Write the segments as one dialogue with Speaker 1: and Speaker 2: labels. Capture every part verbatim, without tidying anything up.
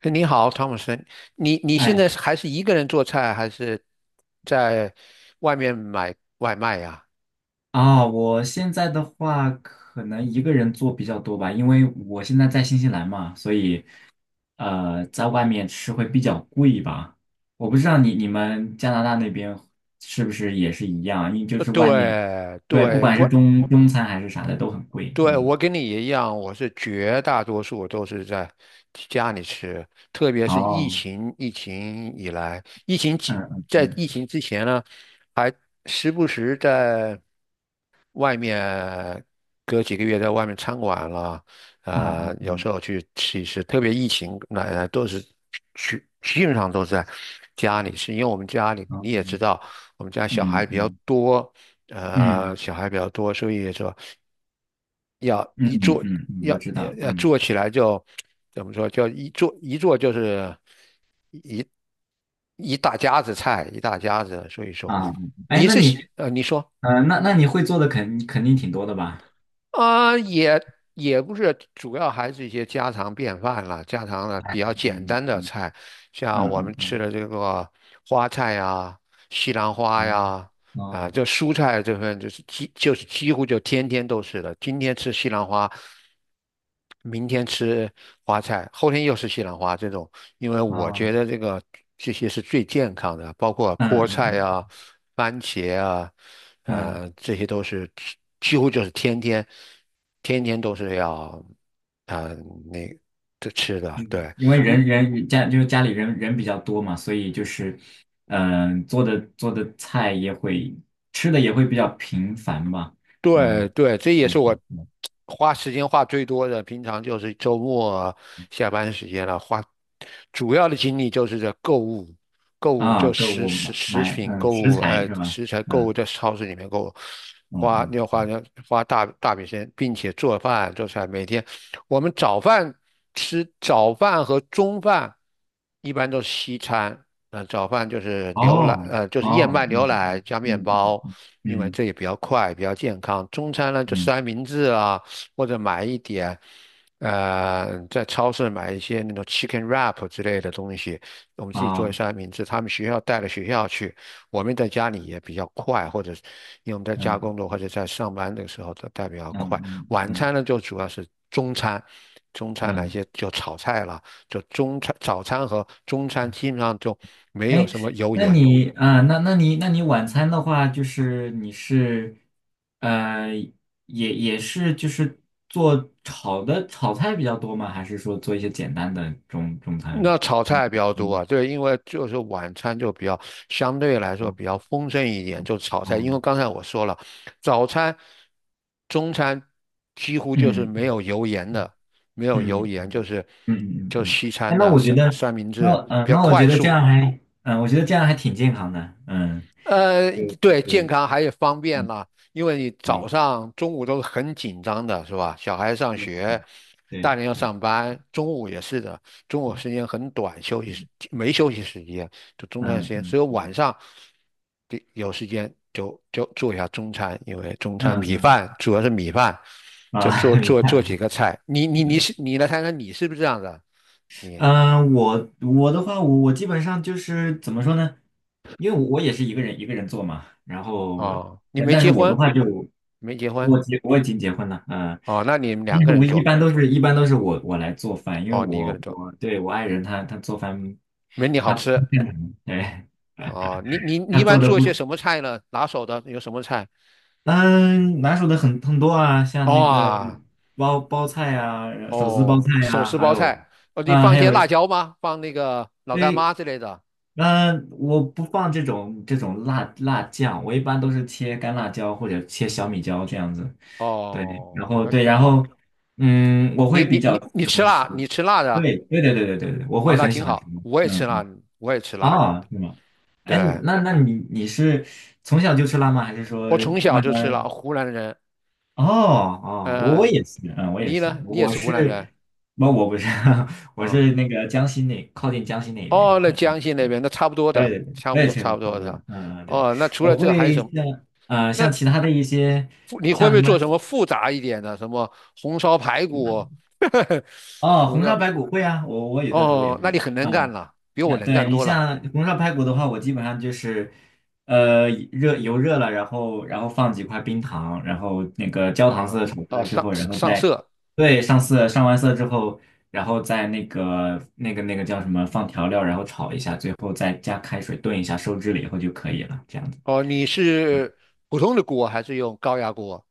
Speaker 1: 哎你好，汤姆森，你你现
Speaker 2: 哎
Speaker 1: 在是还是一个人做菜，还是在外面买外卖呀？
Speaker 2: 啊，我现在的话可能一个人做比较多吧，因为我现在在新西兰嘛，所以呃，在外面吃会比较贵吧。我不知道你你们加拿大那边是不是也是一样啊，因为就
Speaker 1: 呃，
Speaker 2: 是外面，
Speaker 1: 对
Speaker 2: 对，不
Speaker 1: 对，
Speaker 2: 管
Speaker 1: 外
Speaker 2: 是中中餐还是啥的都很贵。
Speaker 1: 对，
Speaker 2: 嗯，
Speaker 1: 我跟你一样，我是绝大多数都是在家里吃，特别是疫
Speaker 2: 哦，
Speaker 1: 情疫情以来，疫情期
Speaker 2: 嗯嗯
Speaker 1: 在疫
Speaker 2: 嗯，
Speaker 1: 情之前呢，还时不时在外面隔几个月在外面餐馆了，
Speaker 2: 啊
Speaker 1: 啊、
Speaker 2: 啊
Speaker 1: 有时
Speaker 2: 嗯，
Speaker 1: 候去吃一吃，特别疫情那、呃都是去基本上都是在家里吃，因为我们家里
Speaker 2: 哦，
Speaker 1: 你也知道，我们家小
Speaker 2: 嗯
Speaker 1: 孩
Speaker 2: 嗯
Speaker 1: 比较
Speaker 2: 嗯
Speaker 1: 多。呃，
Speaker 2: 嗯
Speaker 1: 小孩比较多，所以说要
Speaker 2: 嗯
Speaker 1: 一
Speaker 2: 嗯
Speaker 1: 做
Speaker 2: 嗯，嗯我
Speaker 1: 要
Speaker 2: 知道，
Speaker 1: 要
Speaker 2: 嗯
Speaker 1: 做起来就怎么说，就一做一做就是一大家子菜，一大家子。所以说
Speaker 2: 啊，哎，
Speaker 1: 你
Speaker 2: 那
Speaker 1: 是喜
Speaker 2: 你
Speaker 1: 呃，你说
Speaker 2: 呃，那那你会做的肯肯定挺多的吧？
Speaker 1: 啊、也也不是，主要还是一些家常便饭了，家常的比较
Speaker 2: 嗯
Speaker 1: 简
Speaker 2: 嗯
Speaker 1: 单的
Speaker 2: 嗯
Speaker 1: 菜，像我
Speaker 2: 嗯
Speaker 1: 们吃
Speaker 2: 嗯，
Speaker 1: 的这个花菜呀、西兰
Speaker 2: 哦
Speaker 1: 花呀。啊，
Speaker 2: 哦
Speaker 1: 就蔬菜这份就是几就是几乎就天天都是的，今天吃西兰花，明天吃花菜，后天又是西兰花这种。因为我
Speaker 2: 哦，
Speaker 1: 觉得这个这些是最健康的，包括
Speaker 2: 嗯
Speaker 1: 菠菜
Speaker 2: 嗯
Speaker 1: 啊、番茄啊，
Speaker 2: 嗯，
Speaker 1: 呃，这些都是几几乎就是天天天天都是要啊、那这吃的。对，
Speaker 2: 因为
Speaker 1: 你
Speaker 2: 人人家就是家里人人比较多嘛，所以就是，嗯、做的做的菜也会吃的也会比较频繁吧，
Speaker 1: 对
Speaker 2: 嗯
Speaker 1: 对，这也是
Speaker 2: 嗯
Speaker 1: 我
Speaker 2: 嗯嗯
Speaker 1: 花时间花最多的。平常就是周末下班时间了，花主要的精力就是在购物，购物
Speaker 2: 啊，
Speaker 1: 就
Speaker 2: 购
Speaker 1: 食
Speaker 2: 物
Speaker 1: 食
Speaker 2: 买
Speaker 1: 食
Speaker 2: 买
Speaker 1: 品
Speaker 2: 嗯
Speaker 1: 购
Speaker 2: 食
Speaker 1: 物，
Speaker 2: 材
Speaker 1: 呃，
Speaker 2: 是吧？
Speaker 1: 食材购物
Speaker 2: 嗯
Speaker 1: 在超市里面购物，
Speaker 2: 嗯
Speaker 1: 花要花
Speaker 2: 嗯，
Speaker 1: 要花大大笔时间，并且做饭做菜。每天我们早饭吃早饭和中饭一般都是西餐，那早饭就是牛奶，
Speaker 2: 哦
Speaker 1: 呃，就是燕麦
Speaker 2: 哦
Speaker 1: 牛
Speaker 2: 嗯
Speaker 1: 奶
Speaker 2: 嗯
Speaker 1: 加面
Speaker 2: 嗯
Speaker 1: 包，
Speaker 2: 嗯
Speaker 1: 因为
Speaker 2: 嗯
Speaker 1: 这也比较快，比较健康。中餐呢就
Speaker 2: 嗯
Speaker 1: 三明治啊，或者买一点，呃，在超市买一些那种 chicken wrap 之类的东西，我们自己做
Speaker 2: 啊
Speaker 1: 三明治。他们学校带到学校去，我们在家里也比较快，或者是因为我们在家
Speaker 2: 嗯
Speaker 1: 工作或者在上班的时候都带比较
Speaker 2: 嗯
Speaker 1: 快。
Speaker 2: 嗯
Speaker 1: 晚
Speaker 2: 嗯
Speaker 1: 餐呢就主要是中餐，中餐来
Speaker 2: 嗯。
Speaker 1: 些就炒菜啦。就中餐、早餐和中餐基本上就没有
Speaker 2: 哎，
Speaker 1: 什么油
Speaker 2: 那
Speaker 1: 盐。
Speaker 2: 你啊、那那你那你晚餐的话，就是你是呃，也也是就是做炒的炒菜比较多吗？还是说做一些简单的中中餐？
Speaker 1: 那炒
Speaker 2: 嗯
Speaker 1: 菜比较多啊，
Speaker 2: 嗯
Speaker 1: 对，因为就是晚餐就比较相对来说比较
Speaker 2: 哦
Speaker 1: 丰盛一点，就炒菜。因为刚
Speaker 2: 哦
Speaker 1: 才我说了，早餐、中餐几乎就是
Speaker 2: 嗯
Speaker 1: 没
Speaker 2: 嗯
Speaker 1: 有油盐
Speaker 2: 嗯
Speaker 1: 的，没有油
Speaker 2: 嗯
Speaker 1: 盐就是
Speaker 2: 嗯嗯
Speaker 1: 就
Speaker 2: 嗯，
Speaker 1: 西餐
Speaker 2: 哎，那
Speaker 1: 的
Speaker 2: 我觉
Speaker 1: 三
Speaker 2: 得，
Speaker 1: 三明
Speaker 2: 那
Speaker 1: 治
Speaker 2: 嗯、呃
Speaker 1: 比较
Speaker 2: 那我
Speaker 1: 快
Speaker 2: 觉得这
Speaker 1: 速，
Speaker 2: 样还，嗯、我觉得这样还挺健康的，嗯，
Speaker 1: 呃，
Speaker 2: 对，就
Speaker 1: 对，健
Speaker 2: 是
Speaker 1: 康还有方便
Speaker 2: 嗯，
Speaker 1: 啦，因为你早
Speaker 2: 对，
Speaker 1: 上、中午都是很紧张的，是吧？小孩上
Speaker 2: 对
Speaker 1: 学，大
Speaker 2: 对
Speaker 1: 人要
Speaker 2: 对，
Speaker 1: 上班，中午也是的，中午时间很短，休息时没休息时间，就中餐时
Speaker 2: 嗯
Speaker 1: 间，
Speaker 2: 嗯
Speaker 1: 所以晚上给有时间就就做一下中餐，因为中
Speaker 2: 嗯
Speaker 1: 餐米
Speaker 2: 嗯
Speaker 1: 饭主要是米饭，就
Speaker 2: 啊，
Speaker 1: 做
Speaker 2: 明
Speaker 1: 做做几
Speaker 2: 白。
Speaker 1: 个菜。你你你是你来看看你是不是这样的？你
Speaker 2: 嗯，我我的话，我我基本上就是怎么说呢？因为我我也是一个人一个人做嘛，然后，
Speaker 1: 哦，你
Speaker 2: 人，
Speaker 1: 没
Speaker 2: 但是
Speaker 1: 结
Speaker 2: 我的
Speaker 1: 婚，
Speaker 2: 话就
Speaker 1: 没结婚
Speaker 2: 我结我已经结婚了，嗯、
Speaker 1: 哦，那你们两
Speaker 2: 因
Speaker 1: 个
Speaker 2: 为我
Speaker 1: 人
Speaker 2: 一
Speaker 1: 做
Speaker 2: 般都是一般都是我我来做饭，因为
Speaker 1: 哦，你一个
Speaker 2: 我
Speaker 1: 人做。
Speaker 2: 我对我爱人他他做饭
Speaker 1: 没你好
Speaker 2: 他
Speaker 1: 吃
Speaker 2: 哎
Speaker 1: 啊！你你你
Speaker 2: 他
Speaker 1: 一般
Speaker 2: 做的
Speaker 1: 做一
Speaker 2: 不
Speaker 1: 些什么菜呢？拿手的有什么菜？
Speaker 2: 嗯拿手的很很多啊，像那个
Speaker 1: 哇
Speaker 2: 包包菜啊，手撕包
Speaker 1: 哦，
Speaker 2: 菜
Speaker 1: 手
Speaker 2: 啊，
Speaker 1: 撕
Speaker 2: 还
Speaker 1: 包
Speaker 2: 有
Speaker 1: 菜哦，你
Speaker 2: 啊、
Speaker 1: 放一
Speaker 2: 还有
Speaker 1: 些辣椒吗？放那个老干
Speaker 2: 对，
Speaker 1: 妈之类的
Speaker 2: 嗯，我不放这种这种辣辣酱，我一般都是切干辣椒或者切小米椒这样子。对，然
Speaker 1: 哦，
Speaker 2: 后
Speaker 1: 那
Speaker 2: 对，
Speaker 1: 更
Speaker 2: 然后
Speaker 1: 好。
Speaker 2: 嗯，我
Speaker 1: 你
Speaker 2: 会比
Speaker 1: 你
Speaker 2: 较
Speaker 1: 你你
Speaker 2: 喜
Speaker 1: 吃
Speaker 2: 欢吃。
Speaker 1: 辣，你吃辣的
Speaker 2: 对，对对对对对对，我
Speaker 1: 哦，
Speaker 2: 会
Speaker 1: 那
Speaker 2: 很喜
Speaker 1: 挺
Speaker 2: 欢吃。
Speaker 1: 好。我也吃
Speaker 2: 嗯
Speaker 1: 辣，
Speaker 2: 嗯，
Speaker 1: 我也吃辣的。
Speaker 2: 啊，是吗？哎，你
Speaker 1: 对，
Speaker 2: 那那你你是从小就吃辣吗？还是说
Speaker 1: 我从小
Speaker 2: 慢
Speaker 1: 就
Speaker 2: 慢
Speaker 1: 吃
Speaker 2: 儿？
Speaker 1: 辣，湖南人。
Speaker 2: 哦哦，我我
Speaker 1: 嗯、
Speaker 2: 也是，嗯，我也
Speaker 1: 你
Speaker 2: 是，
Speaker 1: 呢？你也
Speaker 2: 我
Speaker 1: 是湖南
Speaker 2: 是，
Speaker 1: 人
Speaker 2: 不，我不是，我
Speaker 1: 啊？
Speaker 2: 是那个江西那靠近江西那
Speaker 1: 哦，
Speaker 2: 边。
Speaker 1: 那
Speaker 2: 嗯
Speaker 1: 江西那边那差不多
Speaker 2: 对
Speaker 1: 的，
Speaker 2: 对对，
Speaker 1: 差
Speaker 2: 我
Speaker 1: 不
Speaker 2: 也
Speaker 1: 多
Speaker 2: 确
Speaker 1: 差不
Speaker 2: 实差
Speaker 1: 多
Speaker 2: 不多。
Speaker 1: 的。
Speaker 2: 嗯，对，
Speaker 1: 哦，那除了
Speaker 2: 我
Speaker 1: 这个还有
Speaker 2: 会
Speaker 1: 什么？
Speaker 2: 像呃
Speaker 1: 那
Speaker 2: 像其他的一些
Speaker 1: 你会
Speaker 2: 像
Speaker 1: 不
Speaker 2: 什
Speaker 1: 会
Speaker 2: 么
Speaker 1: 做什么复杂一点的，什么红烧排骨？
Speaker 2: 哦，
Speaker 1: 红
Speaker 2: 红烧
Speaker 1: 烧
Speaker 2: 排骨会啊，我我有的时候也
Speaker 1: 哦，那
Speaker 2: 会做。
Speaker 1: 你很能干
Speaker 2: 嗯，
Speaker 1: 了，比我
Speaker 2: 那
Speaker 1: 能干
Speaker 2: 对你
Speaker 1: 多了
Speaker 2: 像红烧排骨的话，我基本上就是呃热油热了，然后然后放几块冰糖，然后那个焦糖
Speaker 1: 啊
Speaker 2: 色炒出
Speaker 1: 啊！
Speaker 2: 来之
Speaker 1: 上
Speaker 2: 后，然后
Speaker 1: 上
Speaker 2: 再
Speaker 1: 色
Speaker 2: 对上色上完色之后，然后再那个那个那个叫什么放调料，然后炒一下，最后再加开水炖一下，收汁了以后就可以了。这样。
Speaker 1: 哦，你是普通的锅还是用高压锅？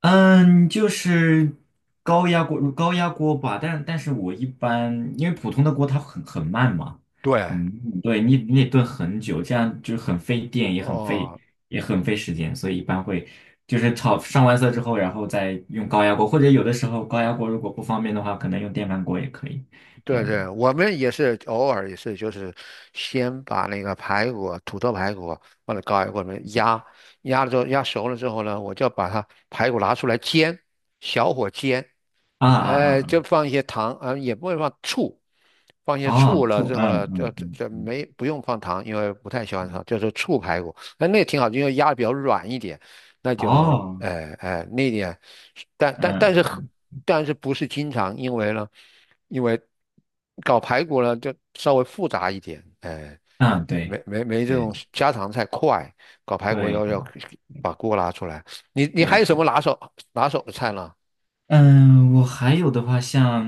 Speaker 2: 嗯，就是高压锅，高压锅吧，但但是我一般，因为普通的锅它很很慢嘛，
Speaker 1: 对，
Speaker 2: 很，嗯对你你得炖很久，这样就是很费电，也很费
Speaker 1: 哦，
Speaker 2: 也很费时间，所以一般会就是炒上完色之后，然后再用高压锅，或者有的时候高压锅如果不方便的话，可能用电饭锅也可以，这
Speaker 1: 对
Speaker 2: 样子。
Speaker 1: 对，我们也是偶尔也是，就是先把那个排骨、土豆排骨放在高压锅里面压，压了之后压熟了之后呢，我就把它排骨拿出来煎，小火煎，
Speaker 2: 啊啊
Speaker 1: 呃，
Speaker 2: 啊
Speaker 1: 就放一些糖，啊、呃也不会放醋，放一些
Speaker 2: 啊！
Speaker 1: 醋
Speaker 2: 哦，
Speaker 1: 了
Speaker 2: 错，
Speaker 1: 之后
Speaker 2: 嗯
Speaker 1: 呢，就
Speaker 2: 嗯
Speaker 1: 就
Speaker 2: 嗯
Speaker 1: 这
Speaker 2: 嗯
Speaker 1: 没不用放糖，因为不太喜欢
Speaker 2: 嗯，
Speaker 1: 糖，就是醋排骨，那那挺好，因为压的比较软一点，那就
Speaker 2: 哦，
Speaker 1: 呃呃那点，但
Speaker 2: 嗯
Speaker 1: 但但是很
Speaker 2: 嗯
Speaker 1: 但是不是经常，因为呢，因为搞排骨呢就稍微复杂一点，哎、
Speaker 2: 嗯，啊
Speaker 1: 没
Speaker 2: 对
Speaker 1: 没没这种
Speaker 2: 对
Speaker 1: 家常菜快，搞排骨
Speaker 2: 对
Speaker 1: 要
Speaker 2: 对。
Speaker 1: 要把锅拿出来，你你还有什
Speaker 2: 对
Speaker 1: 么拿手拿手的菜呢？
Speaker 2: 嗯，我还有的话，像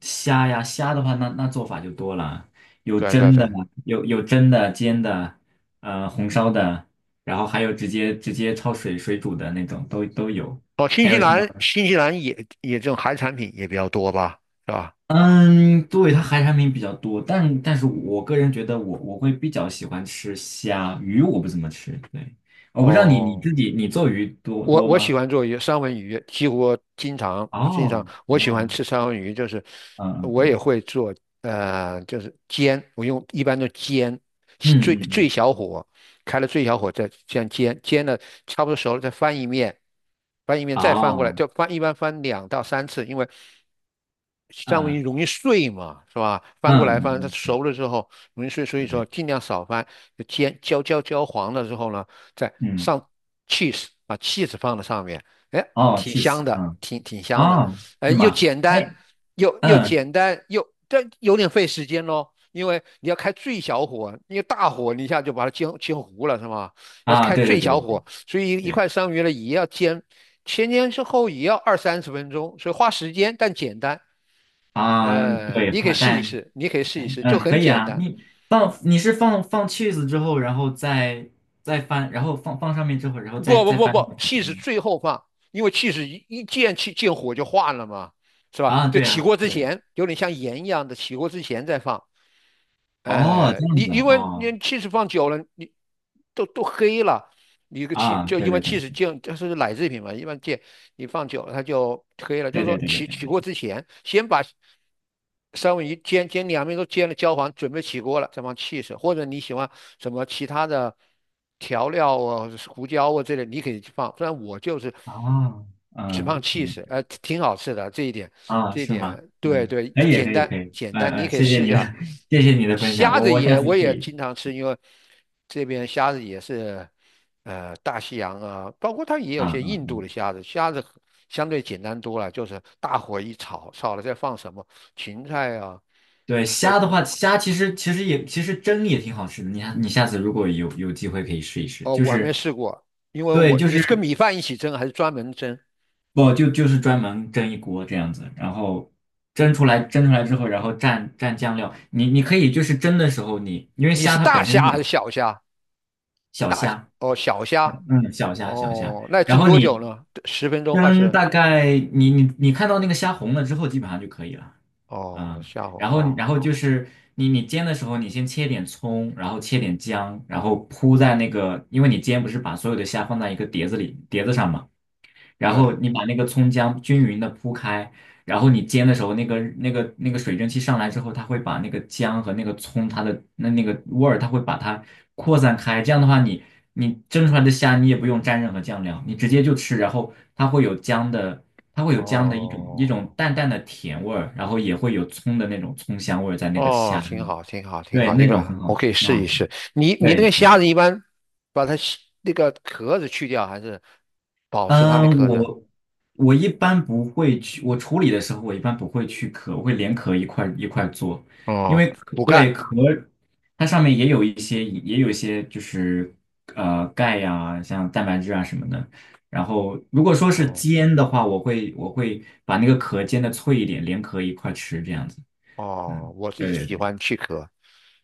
Speaker 2: 虾呀，虾的话，那那做法就多了，有
Speaker 1: 对啊对啊
Speaker 2: 蒸
Speaker 1: 对
Speaker 2: 的，
Speaker 1: 啊。
Speaker 2: 有有蒸的、煎的，呃，红烧的，然后还有直接直接焯水水煮的那种，都都有。
Speaker 1: 哦，新
Speaker 2: 还
Speaker 1: 西
Speaker 2: 有什么？
Speaker 1: 兰，新西兰也也这种海产品也比较多吧，是吧？
Speaker 2: 嗯，对，它海产品比较多，但但是我个人觉得我我会比较喜欢吃虾，鱼我不怎么吃。对，我不知道你你
Speaker 1: 哦。
Speaker 2: 自己你做鱼多
Speaker 1: 我
Speaker 2: 多
Speaker 1: 我喜
Speaker 2: 吗？
Speaker 1: 欢做鱼，三文鱼，几乎经常经常
Speaker 2: 哦
Speaker 1: 我喜欢
Speaker 2: 哦，
Speaker 1: 吃三文鱼，就是
Speaker 2: 嗯嗯
Speaker 1: 我也
Speaker 2: 嗯
Speaker 1: 会做，呃，就是煎，我用一般都煎，最
Speaker 2: 嗯
Speaker 1: 最
Speaker 2: 嗯，
Speaker 1: 小火，开了最小火再这样煎，煎了差不多熟了再翻一面，翻一面再翻过来，
Speaker 2: 哦。
Speaker 1: 就翻一般翻两到三次，因为三文鱼
Speaker 2: 嗯
Speaker 1: 容易碎嘛，是吧？翻过来
Speaker 2: 嗯
Speaker 1: 翻，它
Speaker 2: 嗯，对
Speaker 1: 熟了之后容易碎，所以
Speaker 2: 对
Speaker 1: 说
Speaker 2: 对，
Speaker 1: 尽量少翻，就煎焦焦焦黄了之后呢。再
Speaker 2: 嗯，
Speaker 1: 上 cheese,把 cheese 放在上面，哎，
Speaker 2: 哦，
Speaker 1: 挺
Speaker 2: 去
Speaker 1: 香
Speaker 2: 死，
Speaker 1: 的，
Speaker 2: 嗯，
Speaker 1: 挺挺香的，
Speaker 2: 啊，
Speaker 1: 哎，
Speaker 2: 是
Speaker 1: 又
Speaker 2: 吗？
Speaker 1: 简单，
Speaker 2: 哎，
Speaker 1: 又又
Speaker 2: 嗯，
Speaker 1: 简单又，但有点费时间咯，因为你要开最小火，因为大火你一下就把它煎煎糊了，是吗？要
Speaker 2: 啊，
Speaker 1: 开
Speaker 2: 对对
Speaker 1: 最
Speaker 2: 对对
Speaker 1: 小
Speaker 2: 对
Speaker 1: 火，所以一
Speaker 2: 对，
Speaker 1: 块生鱼呢也要煎，前煎之后也要二三十分钟，所以花时间但简单。
Speaker 2: 啊，
Speaker 1: 呃，
Speaker 2: 对，
Speaker 1: 你可以
Speaker 2: 花
Speaker 1: 试一
Speaker 2: 但，
Speaker 1: 试，你可以试一试，就
Speaker 2: 嗯，可
Speaker 1: 很
Speaker 2: 以
Speaker 1: 简
Speaker 2: 啊，
Speaker 1: 单。
Speaker 2: 你放你是放放 cheese 之后，然后再再翻，然后放放上面之后，然后再
Speaker 1: 不不
Speaker 2: 再
Speaker 1: 不
Speaker 2: 翻一
Speaker 1: 不，
Speaker 2: 遍
Speaker 1: 气是
Speaker 2: 嗯
Speaker 1: 最后放，因为气是一一见气见火就化了嘛，是吧？
Speaker 2: 啊，
Speaker 1: 就
Speaker 2: 对
Speaker 1: 起
Speaker 2: 啊，
Speaker 1: 锅之
Speaker 2: 对，
Speaker 1: 前，有点像盐一样的，起锅之前再放。
Speaker 2: 哦，
Speaker 1: 呃，
Speaker 2: 这样
Speaker 1: 你
Speaker 2: 子啊
Speaker 1: 因为
Speaker 2: 哦，
Speaker 1: 你气是放久了，你都都黑了，你个气
Speaker 2: 啊，
Speaker 1: 就
Speaker 2: 对
Speaker 1: 因为
Speaker 2: 对
Speaker 1: 气
Speaker 2: 对
Speaker 1: 是见，就是奶制品嘛，一般见你放久了它就黑了。就是
Speaker 2: 对对
Speaker 1: 说
Speaker 2: 对对
Speaker 1: 起
Speaker 2: 对
Speaker 1: 起
Speaker 2: 对，
Speaker 1: 锅之前，先把三文鱼煎煎两面都煎了焦黄，准备起锅了，再放气色，或者你喜欢什么其他的调料啊、胡椒啊之类，你可以去放。不然我就是
Speaker 2: 哦，
Speaker 1: 只放
Speaker 2: 嗯
Speaker 1: 气 h
Speaker 2: 嗯，
Speaker 1: 呃，挺好吃的这一点，
Speaker 2: 啊，
Speaker 1: 这一
Speaker 2: 是吗？
Speaker 1: 点对
Speaker 2: 嗯，
Speaker 1: 对，
Speaker 2: 可以
Speaker 1: 简
Speaker 2: 可以可
Speaker 1: 单
Speaker 2: 以，
Speaker 1: 简
Speaker 2: 嗯
Speaker 1: 单，你
Speaker 2: 嗯，
Speaker 1: 可以
Speaker 2: 谢谢
Speaker 1: 试一
Speaker 2: 你的
Speaker 1: 下。
Speaker 2: 谢谢你的分享，
Speaker 1: 虾
Speaker 2: 我
Speaker 1: 子
Speaker 2: 我下
Speaker 1: 也
Speaker 2: 次
Speaker 1: 我
Speaker 2: 试
Speaker 1: 也
Speaker 2: 一下
Speaker 1: 经常吃，因为这边虾子也是呃大西洋啊，包括它也有
Speaker 2: 啊
Speaker 1: 些
Speaker 2: 啊，
Speaker 1: 印度的虾子，虾子。相对简单多了，就是大火一炒，炒了再放什么，芹菜啊，
Speaker 2: 对，
Speaker 1: 我
Speaker 2: 虾的话，虾其实其实也其实蒸也挺好吃的。你下你下次如果有有机会可以试一试，
Speaker 1: 哦
Speaker 2: 就
Speaker 1: 我还没
Speaker 2: 是
Speaker 1: 试过，因为
Speaker 2: 对，
Speaker 1: 我
Speaker 2: 就
Speaker 1: 你是跟
Speaker 2: 是
Speaker 1: 米饭一起蒸还是专门蒸？
Speaker 2: 不就就是专门蒸一锅这样子，然后蒸出来蒸出来之后，然后蘸蘸酱料。你你可以就是蒸的时候你，因为
Speaker 1: 你
Speaker 2: 虾
Speaker 1: 是
Speaker 2: 它本
Speaker 1: 大
Speaker 2: 身有
Speaker 1: 虾还
Speaker 2: 点
Speaker 1: 是小虾？
Speaker 2: 小
Speaker 1: 大虾
Speaker 2: 虾，
Speaker 1: 哦小虾
Speaker 2: 嗯，小虾小虾，
Speaker 1: 哦，那
Speaker 2: 然
Speaker 1: 蒸
Speaker 2: 后
Speaker 1: 多久
Speaker 2: 你
Speaker 1: 呢？十分钟二
Speaker 2: 蒸
Speaker 1: 十
Speaker 2: 大概你你你看到那个虾红了之后，基本上就可以了。
Speaker 1: 哦
Speaker 2: 嗯，
Speaker 1: 虾红
Speaker 2: 然后
Speaker 1: 哦
Speaker 2: 然后就是你你煎的时候，你先切点葱，然后切点姜，然后铺在那个，因为你煎不是把所有的虾放在一个碟子里碟子上嘛，然嗯后
Speaker 1: 对
Speaker 2: 你把那个葱姜均匀的铺开，然后你煎的时候，那个那个那个水蒸气上来之后，它会把那个姜和那个葱它的那那个味儿，它会把它扩散开。这样的话你，你蒸出来的虾你也不用蘸任何酱料，你直接就吃，然后它会有姜的，它会有姜的一种一种
Speaker 1: 哦
Speaker 2: 淡淡的甜味儿，然后也会有葱的那种葱香味儿在那个
Speaker 1: 哦
Speaker 2: 虾
Speaker 1: 挺
Speaker 2: 里，
Speaker 1: 好挺好挺
Speaker 2: 对，
Speaker 1: 好，这
Speaker 2: 那
Speaker 1: 个
Speaker 2: 种很
Speaker 1: 我
Speaker 2: 好，
Speaker 1: 可以
Speaker 2: 很
Speaker 1: 试
Speaker 2: 好
Speaker 1: 一
Speaker 2: 吃，
Speaker 1: 试。你你那
Speaker 2: 对。
Speaker 1: 个
Speaker 2: 对
Speaker 1: 虾子一般把它洗那个壳子去掉还是保持它的
Speaker 2: 嗯，
Speaker 1: 壳子？
Speaker 2: 我我一般不会去，我处理的时候我一般不会去壳，我会连壳一块一块做，因
Speaker 1: 哦
Speaker 2: 为壳
Speaker 1: 补钙
Speaker 2: 对壳它上面也有一些也有一些就是呃钙呀、像蛋白质啊什么的。然后如果说是
Speaker 1: 哦。
Speaker 2: 煎的话，我会我会把那个壳煎的脆一点，连壳一块吃这样子。
Speaker 1: 哦，
Speaker 2: 嗯，
Speaker 1: 我是
Speaker 2: 对对
Speaker 1: 喜
Speaker 2: 对。
Speaker 1: 欢去壳，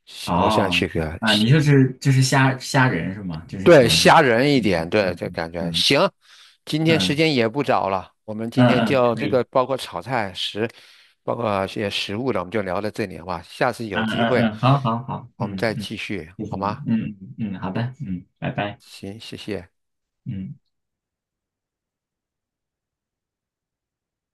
Speaker 1: 喜我喜欢去
Speaker 2: 哦，
Speaker 1: 壳，
Speaker 2: 啊，
Speaker 1: 喜
Speaker 2: 你就是就是虾虾仁是吗？就是喜
Speaker 1: 对，
Speaker 2: 欢是，
Speaker 1: 虾仁一
Speaker 2: 嗯
Speaker 1: 点，对，
Speaker 2: 嗯
Speaker 1: 这
Speaker 2: 嗯
Speaker 1: 感觉
Speaker 2: 嗯
Speaker 1: 行。今天时
Speaker 2: 嗯
Speaker 1: 间也不早了，我们今
Speaker 2: 嗯
Speaker 1: 天
Speaker 2: 嗯，嗯
Speaker 1: 就
Speaker 2: 可
Speaker 1: 这个
Speaker 2: 以。
Speaker 1: 包括炒菜食，包括一些食物的，我们就聊到这里好吧？下次有
Speaker 2: 嗯
Speaker 1: 机
Speaker 2: 嗯
Speaker 1: 会
Speaker 2: 嗯，好好好，
Speaker 1: 我们
Speaker 2: 嗯
Speaker 1: 再
Speaker 2: 嗯，
Speaker 1: 继续
Speaker 2: 谢
Speaker 1: 好
Speaker 2: 谢你，
Speaker 1: 吗？
Speaker 2: 嗯嗯嗯，好的，嗯，拜拜，
Speaker 1: 行，谢谢。
Speaker 2: 嗯。